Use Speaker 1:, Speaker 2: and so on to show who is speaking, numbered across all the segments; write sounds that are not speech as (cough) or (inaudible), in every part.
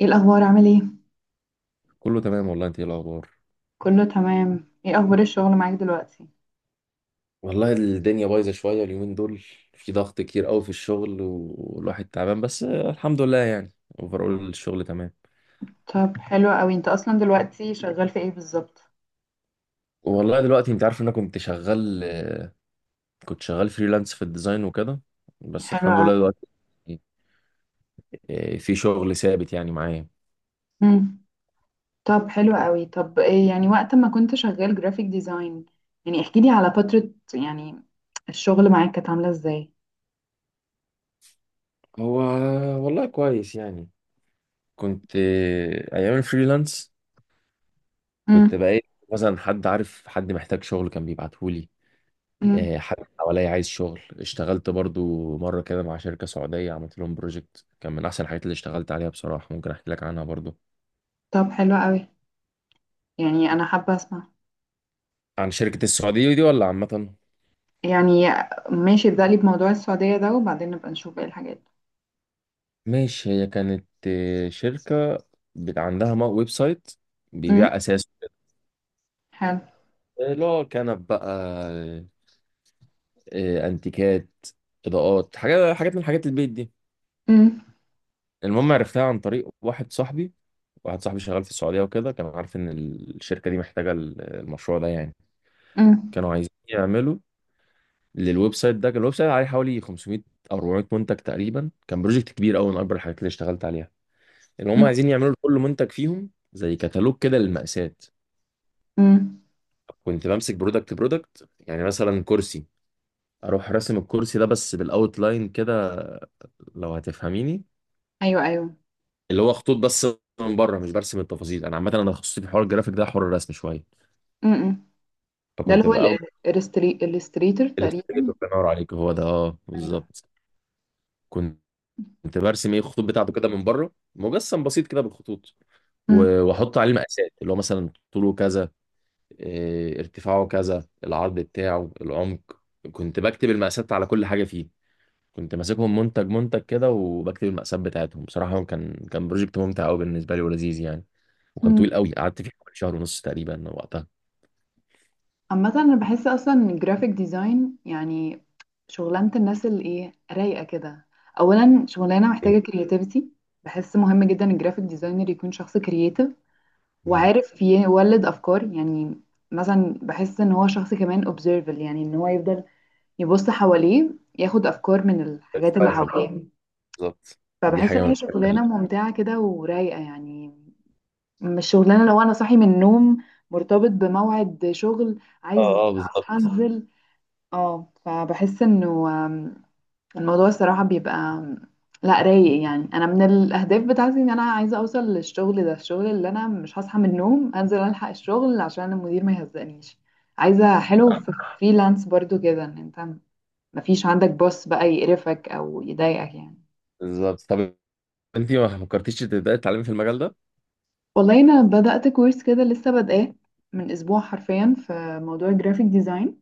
Speaker 1: ايه الاخبار عامل ايه؟
Speaker 2: كله تمام والله، انت ايه الاخبار؟
Speaker 1: كله تمام. ايه اخبار الشغل معاك دلوقتي؟
Speaker 2: والله الدنيا بايظة شوية اليومين دول. في ضغط كتير قوي في الشغل والواحد تعبان، بس الحمد لله يعني اوفرول الشغل تمام.
Speaker 1: طب حلو قوي، انت اصلا دلوقتي شغال في ايه بالظبط؟
Speaker 2: والله دلوقتي انت عارف ان انا كنت شغال فريلانس في الديزاين وكده. بس
Speaker 1: حلو
Speaker 2: الحمد
Speaker 1: قوي.
Speaker 2: لله دلوقتي في شغل ثابت يعني معايا.
Speaker 1: امم. طب حلو قوي، طب ايه يعني وقت ما كنت شغال جرافيك ديزاين، يعني احكي لي على فترة، يعني الشغل معاك كانت عاملة ازاي؟
Speaker 2: هو والله كويس يعني، كنت ايام الفريلانس كنت
Speaker 1: امم.
Speaker 2: بقى مثلا حد عارف حد محتاج شغل كان بيبعتهولي.
Speaker 1: امم.
Speaker 2: حد حواليا عايز شغل، اشتغلت برضو مرة كده مع شركة سعودية، عملت لهم بروجكت كان من أحسن الحاجات اللي اشتغلت عليها بصراحة. ممكن أحكي لك عنها برضو،
Speaker 1: طب حلو قوي، يعني انا حابة اسمع.
Speaker 2: عن شركة السعودية دي ولا عامة؟
Speaker 1: يعني ماشي، ابدأ لي بموضوع السعودية ده وبعدين نبقى نشوف ايه الحاجات.
Speaker 2: ماشي، هي كانت شركة عندها ويب سايت بيبيع
Speaker 1: امم.
Speaker 2: أساس،
Speaker 1: حلو.
Speaker 2: اللي هو كنب بقى، أنتيكات، إضاءات، حاجات حاجات من حاجات البيت دي.
Speaker 1: امم.
Speaker 2: المهم عرفتها عن طريق واحد صاحبي شغال في السعودية وكده، كان عارف إن الشركة دي محتاجة المشروع ده يعني.
Speaker 1: امم.
Speaker 2: كانوا عايزين يعملوا للويب سايت ده، كان الويب سايت عليه حوالي 500 او 400 منتج تقريبا، كان بروجكت كبير قوي من اكبر الحاجات اللي اشتغلت عليها. ان هم
Speaker 1: امم.
Speaker 2: عايزين يعملوا لكل منتج فيهم زي كتالوج كده للمقاسات.
Speaker 1: أمم.
Speaker 2: كنت بمسك برودكت برودكت، يعني مثلا كرسي، اروح راسم الكرسي ده بس بالاوتلاين كده، لو هتفهميني.
Speaker 1: ايوه، ايوه.
Speaker 2: اللي هو خطوط بس من بره، مش برسم التفاصيل. انا عامه انا تخصصي في حوار الجرافيك ده، حوار الرسم شويه.
Speaker 1: امم، ده اللي
Speaker 2: فكنت
Speaker 1: هو
Speaker 2: باخد
Speaker 1: الاستريتور تقريبا.
Speaker 2: الاستريتور، الله ينور عليك، هو ده، اه
Speaker 1: ايوه.
Speaker 2: بالظبط. كنت برسم الخطوط بتاعته كده من بره، مجسم بسيط كده بالخطوط،
Speaker 1: مم.
Speaker 2: واحط عليه مقاسات، اللي هو مثلا طوله كذا، ارتفاعه كذا، العرض بتاعه، العمق. كنت بكتب المقاسات على كل حاجه فيه. كنت ماسكهم منتج منتج كده وبكتب المقاسات بتاعتهم. بصراحه كان بروجكت ممتع قوي بالنسبه لي ولذيذ يعني. وكان
Speaker 1: مم.
Speaker 2: طويل قوي، قعدت فيه حوالي شهر ونص تقريبا وقتها.
Speaker 1: عامة انا بحس اصلا ان الجرافيك ديزاين، يعني شغلانة الناس اللي، ايه، رايقة كده. اولا شغلانة محتاجة كرياتيفيتي. بحس مهم جدا الجرافيك ديزاينر يكون شخص كرياتيف
Speaker 2: مم.
Speaker 1: وعارف يولد افكار يعني. مثلا بحس ان هو شخص كمان observable، يعني ان هو يفضل يبص حواليه، ياخد افكار من الحاجات اللي
Speaker 2: بستوعب،
Speaker 1: حواليه.
Speaker 2: بالظبط. دي
Speaker 1: فبحس
Speaker 2: حاجه
Speaker 1: ان
Speaker 2: من
Speaker 1: هي
Speaker 2: الحاجات
Speaker 1: شغلانة
Speaker 2: ال-
Speaker 1: ممتعة كده ورايقة، يعني مش شغلانه لو انا صاحي من النوم مرتبط بموعد شغل
Speaker 2: اه،
Speaker 1: عايز
Speaker 2: اه،
Speaker 1: اصحى
Speaker 2: بالظبط
Speaker 1: انزل. اه، فبحس انه الموضوع الصراحه بيبقى لا رايق. يعني انا من الاهداف بتاعتي ان انا عايزه اوصل للشغل ده، الشغل اللي انا مش هصحى من النوم انزل الحق الشغل عشان المدير ما يهزقنيش. عايزه حلو في فريلانس برضو كده، ان انت مفيش عندك بوس بقى يقرفك او يضايقك يعني.
Speaker 2: بالظبط. طب انت ما فكرتيش تبداي تتعلمي في المجال ده؟
Speaker 1: والله انا بدأت كورس كده لسه بادئاه من اسبوع حرفيا في موضوع الجرافيك ديزاين.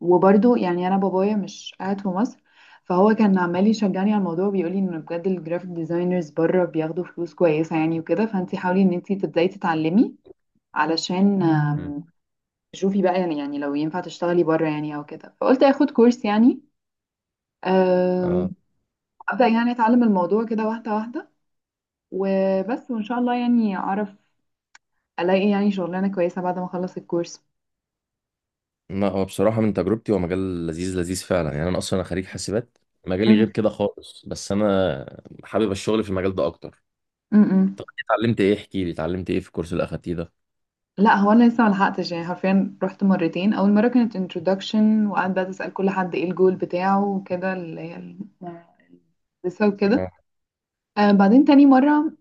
Speaker 1: وبرده يعني انا بابايا مش قاعد في مصر، فهو كان عمال يشجعني على الموضوع، بيقول لي ان بجد الجرافيك ديزاينرز بره بياخدوا فلوس كويسه يعني، وكده فانت حاولي ان انت تبداي تتعلمي علشان
Speaker 2: مم.
Speaker 1: تشوفي بقى، يعني لو ينفع تشتغلي بره يعني او كده. فقلت اخد كورس يعني. آم،
Speaker 2: اه.
Speaker 1: ابدا يعني اتعلم الموضوع كده واحده واحده، وبس وان شاء الله يعني اعرف الاقي يعني شغلانه كويسه بعد ما اخلص الكورس.
Speaker 2: ما هو بصراحة من تجربتي هو مجال لذيذ لذيذ فعلا يعني، أنا أصلا أنا خريج حاسبات، مجالي
Speaker 1: م-
Speaker 2: غير كده خالص، بس أنا حابب الشغل في المجال ده أكتر.
Speaker 1: م- م.
Speaker 2: اتعلمت إيه، احكي لي، اتعلمت إيه في الكورس اللي أخدتيه ده؟
Speaker 1: لا، هو انا لسه ملحقتش، يعني حرفيا رحت مرتين. اول مره كانت introduction وقعدت بقى تسال كل حد ايه الجول بتاعه وكده اللي هي لسه وكده.
Speaker 2: آه،
Speaker 1: آه، بعدين تاني مره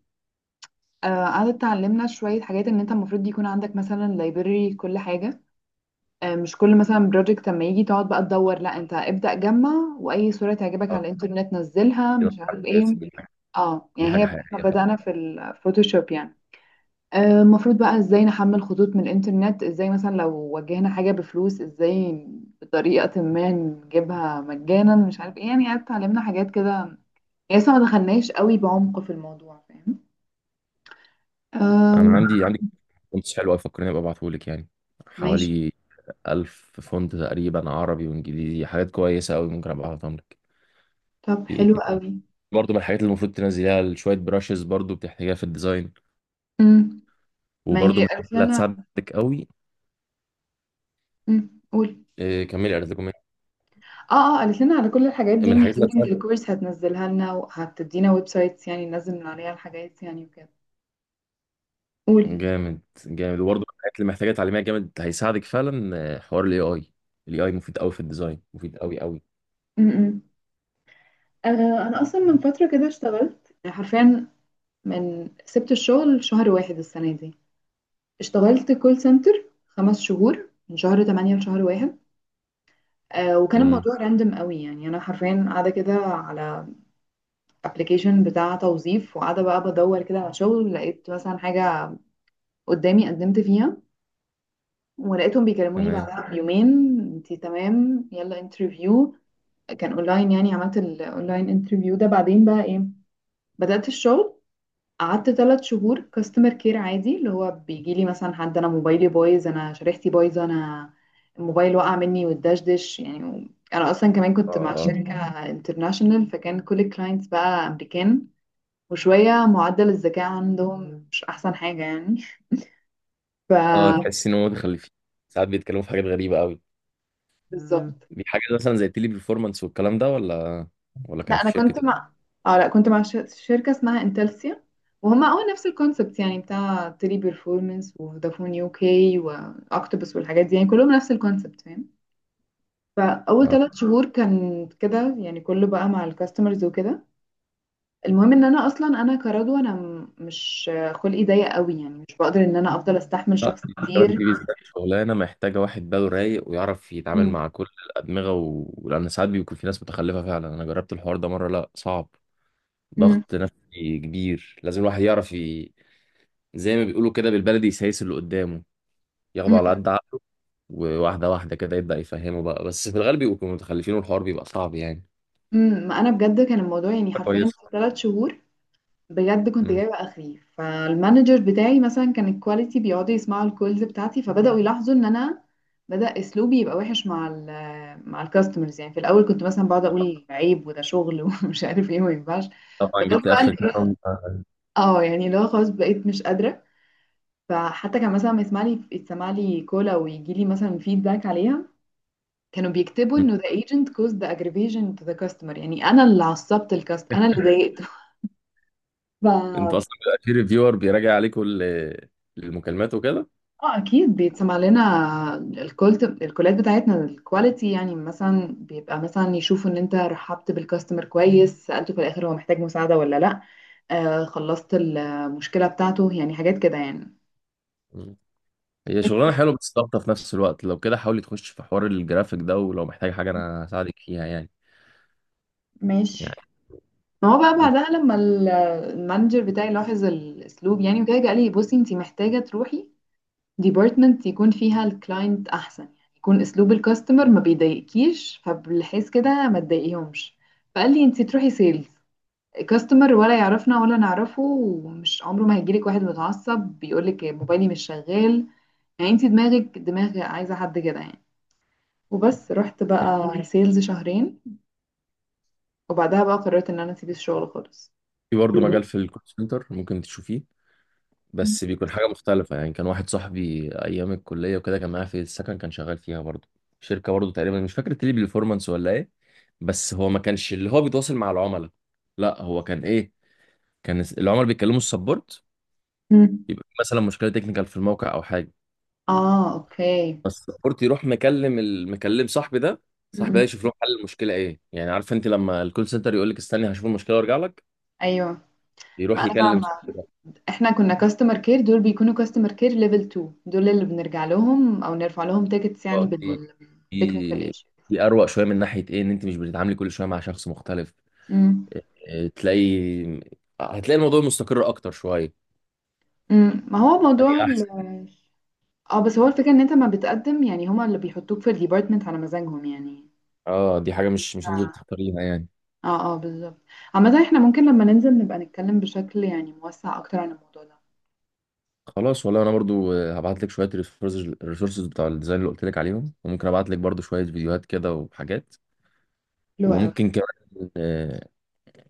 Speaker 1: آه قعدت تعلمنا شويه حاجات ان انت المفروض يكون عندك مثلا library كل حاجه. آه، مش كل مثلا بروجكت لما يجي تقعد بقى تدور، لا انت ابدا جمع واي صوره تعجبك
Speaker 2: آه،
Speaker 1: على الانترنت نزلها،
Speaker 2: كده
Speaker 1: مش
Speaker 2: بتاع
Speaker 1: عارف ايه.
Speaker 2: كويس، دي حاجة
Speaker 1: اه،
Speaker 2: دي
Speaker 1: يعني
Speaker 2: حاجة
Speaker 1: هي احنا
Speaker 2: حقيقية فعلا.
Speaker 1: بدانا في الفوتوشوب يعني. آه، المفروض بقى ازاي نحمل خطوط من الانترنت، ازاي مثلا لو واجهنا حاجة بفلوس ازاي بطريقة ما نجيبها مجانا، مش عارف ايه، يعني اتعلمنا حاجات كده. لسه ما دخلناش قوي بعمق في الموضوع، فاهم؟
Speaker 2: أنا
Speaker 1: أم.
Speaker 2: عندي كونتس حلوة أوي، فكرني أبقى أبعتهولك يعني،
Speaker 1: ماشي.
Speaker 2: حوالي 1000 فونت تقريبا عربي وإنجليزي، حاجات كويسة أوي، ممكن أبقى أبعتهم لك.
Speaker 1: طب
Speaker 2: في إيه
Speaker 1: حلو
Speaker 2: تاني؟
Speaker 1: قوي.
Speaker 2: برضه من الحاجات اللي المفروض تنزليها، شوية براشز برضه بتحتاجها في الديزاين.
Speaker 1: أم، ما
Speaker 2: وبرضه
Speaker 1: هي
Speaker 2: من
Speaker 1: قالت
Speaker 2: الحاجات اللي
Speaker 1: لنا.
Speaker 2: هتساعدك أوي.
Speaker 1: أم، قول.
Speaker 2: كملي أرزاقكم.
Speaker 1: اه، اه، قالت لنا على كل الحاجات دي
Speaker 2: من
Speaker 1: ان
Speaker 2: الحاجات اللي
Speaker 1: during
Speaker 2: هتساعد
Speaker 1: الكورس هتنزلها لنا وهتدينا ويب سايتس، يعني ننزل من عليها الحاجات يعني وكده. قول.
Speaker 2: جامد جامد. وبرضه من الحاجات اللي محتاجه تعليميه، جامد هيساعدك فعلا، حوار الاي اي. الاي اي مفيد قوي في الديزاين، مفيد قوي قوي.
Speaker 1: م-م. آه، انا اصلا من فتره كده اشتغلت حرفيا. من سبت الشغل شهر واحد السنة دي اشتغلت كول سنتر خمس شهور، من شهر تمانية لشهر واحد. آه، وكان
Speaker 2: امم.
Speaker 1: الموضوع راندم قوي، يعني أنا حرفيا قاعدة كده على ابلكيشن بتاع توظيف وقاعدة بقى بدور كده على شغل. لقيت مثلا حاجة قدامي قدمت فيها ولقيتهم بيكلموني
Speaker 2: تمام.
Speaker 1: بعدها بيومين، انتي تمام، يلا انترفيو. كان اونلاين، يعني عملت الاونلاين انترفيو ده، بعدين بقى ايه، بدأت الشغل. قعدت ثلاث شهور كاستمر كير عادي، اللي هو بيجي لي مثلا حد انا موبايلي بايظ، انا شريحتي بايظه، انا الموبايل وقع مني والدشدش يعني. انا اصلا كمان
Speaker 2: اه،
Speaker 1: كنت مع
Speaker 2: اه،
Speaker 1: شركه انترناشونال، فكان كل الكلاينتس بقى امريكان، وشويه معدل الذكاء عندهم مش احسن حاجه يعني. ف
Speaker 2: اه، تحس ان هم متخلفين، ساعات بيتكلموا في حاجات غريبه قوي.
Speaker 1: بالظبط.
Speaker 2: دي حاجه مثلا زي التيلي بيرفورمانس والكلام ده، ولا
Speaker 1: لا
Speaker 2: كانت
Speaker 1: انا
Speaker 2: في شركه
Speaker 1: كنت
Speaker 2: إيه؟
Speaker 1: مع اه لا كنت مع شركه اسمها انتلسيا. وهم اه نفس الكونسبت، يعني بتاع تيلي بيرفورمانس وفودافون يو كي واكتوبس والحاجات دي، يعني كلهم نفس الكونسبت، فاهم؟ فاول
Speaker 2: اه،
Speaker 1: ثلاث شهور كان كده يعني، كله بقى مع الكاستمرز وكده. المهم ان انا اصلا انا كرضوى انا مش خلقي ضيق قوي، يعني مش بقدر ان انا افضل استحمل
Speaker 2: لا.
Speaker 1: شخص
Speaker 2: دي كمان
Speaker 1: كتير.
Speaker 2: دي بالذات شغلانه محتاجه واحد باله رايق ويعرف يتعامل
Speaker 1: مم.
Speaker 2: مع كل الادمغه، لان ساعات بيكون في ناس متخلفه فعلا. انا جربت الحوار ده مره، لا صعب،
Speaker 1: مم.
Speaker 2: ضغط نفسي كبير. لازم الواحد يعرف. زي ما بيقولوا كده بالبلدي، يسيس اللي قدامه، ياخده
Speaker 1: مم.
Speaker 2: على قد عقله. وواحدة واحدة كده يبدأ يفهمه بقى، بس في الغالب بيبقوا متخلفين والحوار بيبقى صعب يعني.
Speaker 1: مم. ما انا بجد كان الموضوع، يعني حرفيا
Speaker 2: كويس.
Speaker 1: في ثلاث شهور بجد كنت
Speaker 2: مم.
Speaker 1: جايبه اخري. فالمانجر بتاعي مثلا كان الكواليتي بيقعدوا يسمعوا الكولز بتاعتي، فبداوا يلاحظوا ان انا بدأ اسلوبي يبقى وحش مع مع الكاستمرز، يعني في الاول كنت مثلا بقعد اقول عيب وده شغل (laughs) ومش عارف ايه وما ينفعش.
Speaker 2: طبعا،
Speaker 1: بدأت
Speaker 2: جبت
Speaker 1: بقى،
Speaker 2: اخر كلمة.
Speaker 1: اه يعني اللي هو خلاص بقيت مش قادرة. فحتى كان مثلا لما يسمع لي يتسمع لي كولا ويجي لي مثلا فيدباك عليها، كانوا بيكتبوا
Speaker 2: مم.
Speaker 1: انه the agent caused the aggravation to the customer، يعني انا اللي عصبت الكاست، انا اللي ضايقته.
Speaker 2: انت
Speaker 1: (laughs)
Speaker 2: اصلا
Speaker 1: ف
Speaker 2: بيبقى في ريفيور بيراجع عليك كل المكالمات وكده؟
Speaker 1: اه اكيد بيتسمع لنا الكولات بتاعتنا الكواليتي، يعني مثلا بيبقى مثلا يشوفوا ان انت رحبت بالكاستمر كويس، سألته في الاخر هو محتاج مساعدة ولا لا، آه خلصت المشكلة بتاعته، يعني حاجات كده يعني.
Speaker 2: مم. هي شغلانة حلوة بس ضغطة في نفس الوقت. لو كده حاولي تخش في حوار الجرافيك ده، ولو محتاج حاجة انا هساعدك فيها يعني.
Speaker 1: ماشي. ما هو بقى
Speaker 2: ممكن
Speaker 1: بعدها لما المانجر بتاعي لاحظ الاسلوب يعني وكده، قال لي بصي انت محتاجه تروحي ديبارتمنت يكون فيها الكلاينت احسن، يعني يكون اسلوب الكاستمر ما بيضايقكيش، فبالحيث كده ما تضايقيهمش. فقال لي انت تروحي سيلز. كاستمر ولا يعرفنا ولا نعرفه ومش عمره ما هيجيلك واحد متعصب بيقولك موبايلي مش شغال. يعني انت دماغك دماغ عايزه حد كده يعني. وبس رحت بقى سيلز شهرين، وبعدها بقى قررت ان انا اسيب الشغل خالص.
Speaker 2: في برضه مجال في الكول سنتر ممكن تشوفيه، بس بيكون حاجة مختلفة يعني. كان واحد صاحبي أيام الكلية وكده، كان معايا في السكن، كان شغال فيها برضه شركة برضه تقريبا، مش فاكر تيلي بيرفورمانس ولا إيه، بس هو ما كانش اللي هو بيتواصل مع العملاء. لا هو كان العملاء بيتكلموا السبورت.
Speaker 1: مم.
Speaker 2: يبقى في مثلا مشكلة تكنيكال في الموقع أو حاجة،
Speaker 1: اه، اوكي.
Speaker 2: بس السبورت يروح مكلم المكلم صاحبي ده،
Speaker 1: مم.
Speaker 2: صاحبي ده
Speaker 1: أمم،
Speaker 2: يشوف له حل المشكلة إيه يعني. عارف أنت لما الكول سنتر يقول لك استني هشوف المشكلة وأرجع لك،
Speaker 1: ايوه. ما
Speaker 2: يروح
Speaker 1: انا
Speaker 2: يكلم
Speaker 1: فاهمه.
Speaker 2: صاحبي ده.
Speaker 1: احنا كنا كاستمر كير، دول بيكونوا كاستمر كير ليفل 2. دول اللي بنرجع لهم او نرفع لهم تيكتس، يعني
Speaker 2: آه، دي
Speaker 1: بالتكنيكال
Speaker 2: دي
Speaker 1: ايشو.
Speaker 2: دي أروق شوية من ناحية إيه، إن أنت مش بتتعاملي كل شوية مع شخص مختلف.
Speaker 1: امم.
Speaker 2: آه، تلاقي هتلاقي الموضوع مستقر اكتر شويه،
Speaker 1: امم. ما هو
Speaker 2: دي
Speaker 1: موضوع
Speaker 2: احسن.
Speaker 1: اه بس هو الفكره ان انت ما بتقدم، يعني هما اللي بيحطوك في الديبارتمنت على مزاجهم يعني.
Speaker 2: اه، دي حاجه مش انت اللي تختاريها يعني.
Speaker 1: اه، اه، بالظبط. عامة احنا ممكن لما ننزل نبقى نتكلم بشكل يعني موسع اكتر عن الموضوع ده.
Speaker 2: خلاص والله، انا برضو هبعت لك شويه الريسورسز بتاع الديزاين اللي قلت لك عليهم، وممكن ابعت لك برضو شويه فيديوهات كده وحاجات.
Speaker 1: حلو قوي.
Speaker 2: وممكن كمان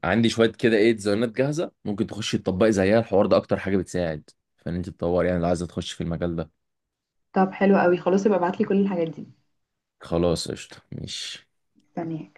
Speaker 2: عندي شويه كده ديزاينات جاهزه ممكن تخشي تطبقي زيها. الحوار ده اكتر حاجه بتساعد، فان انت تطور يعني، لو عايزه تخش في المجال ده.
Speaker 1: طب حلو قوي خلاص، يبقى ابعتلي كل الحاجات دي.
Speaker 2: خلاص قشطه، ماشي.
Speaker 1: مستنياك.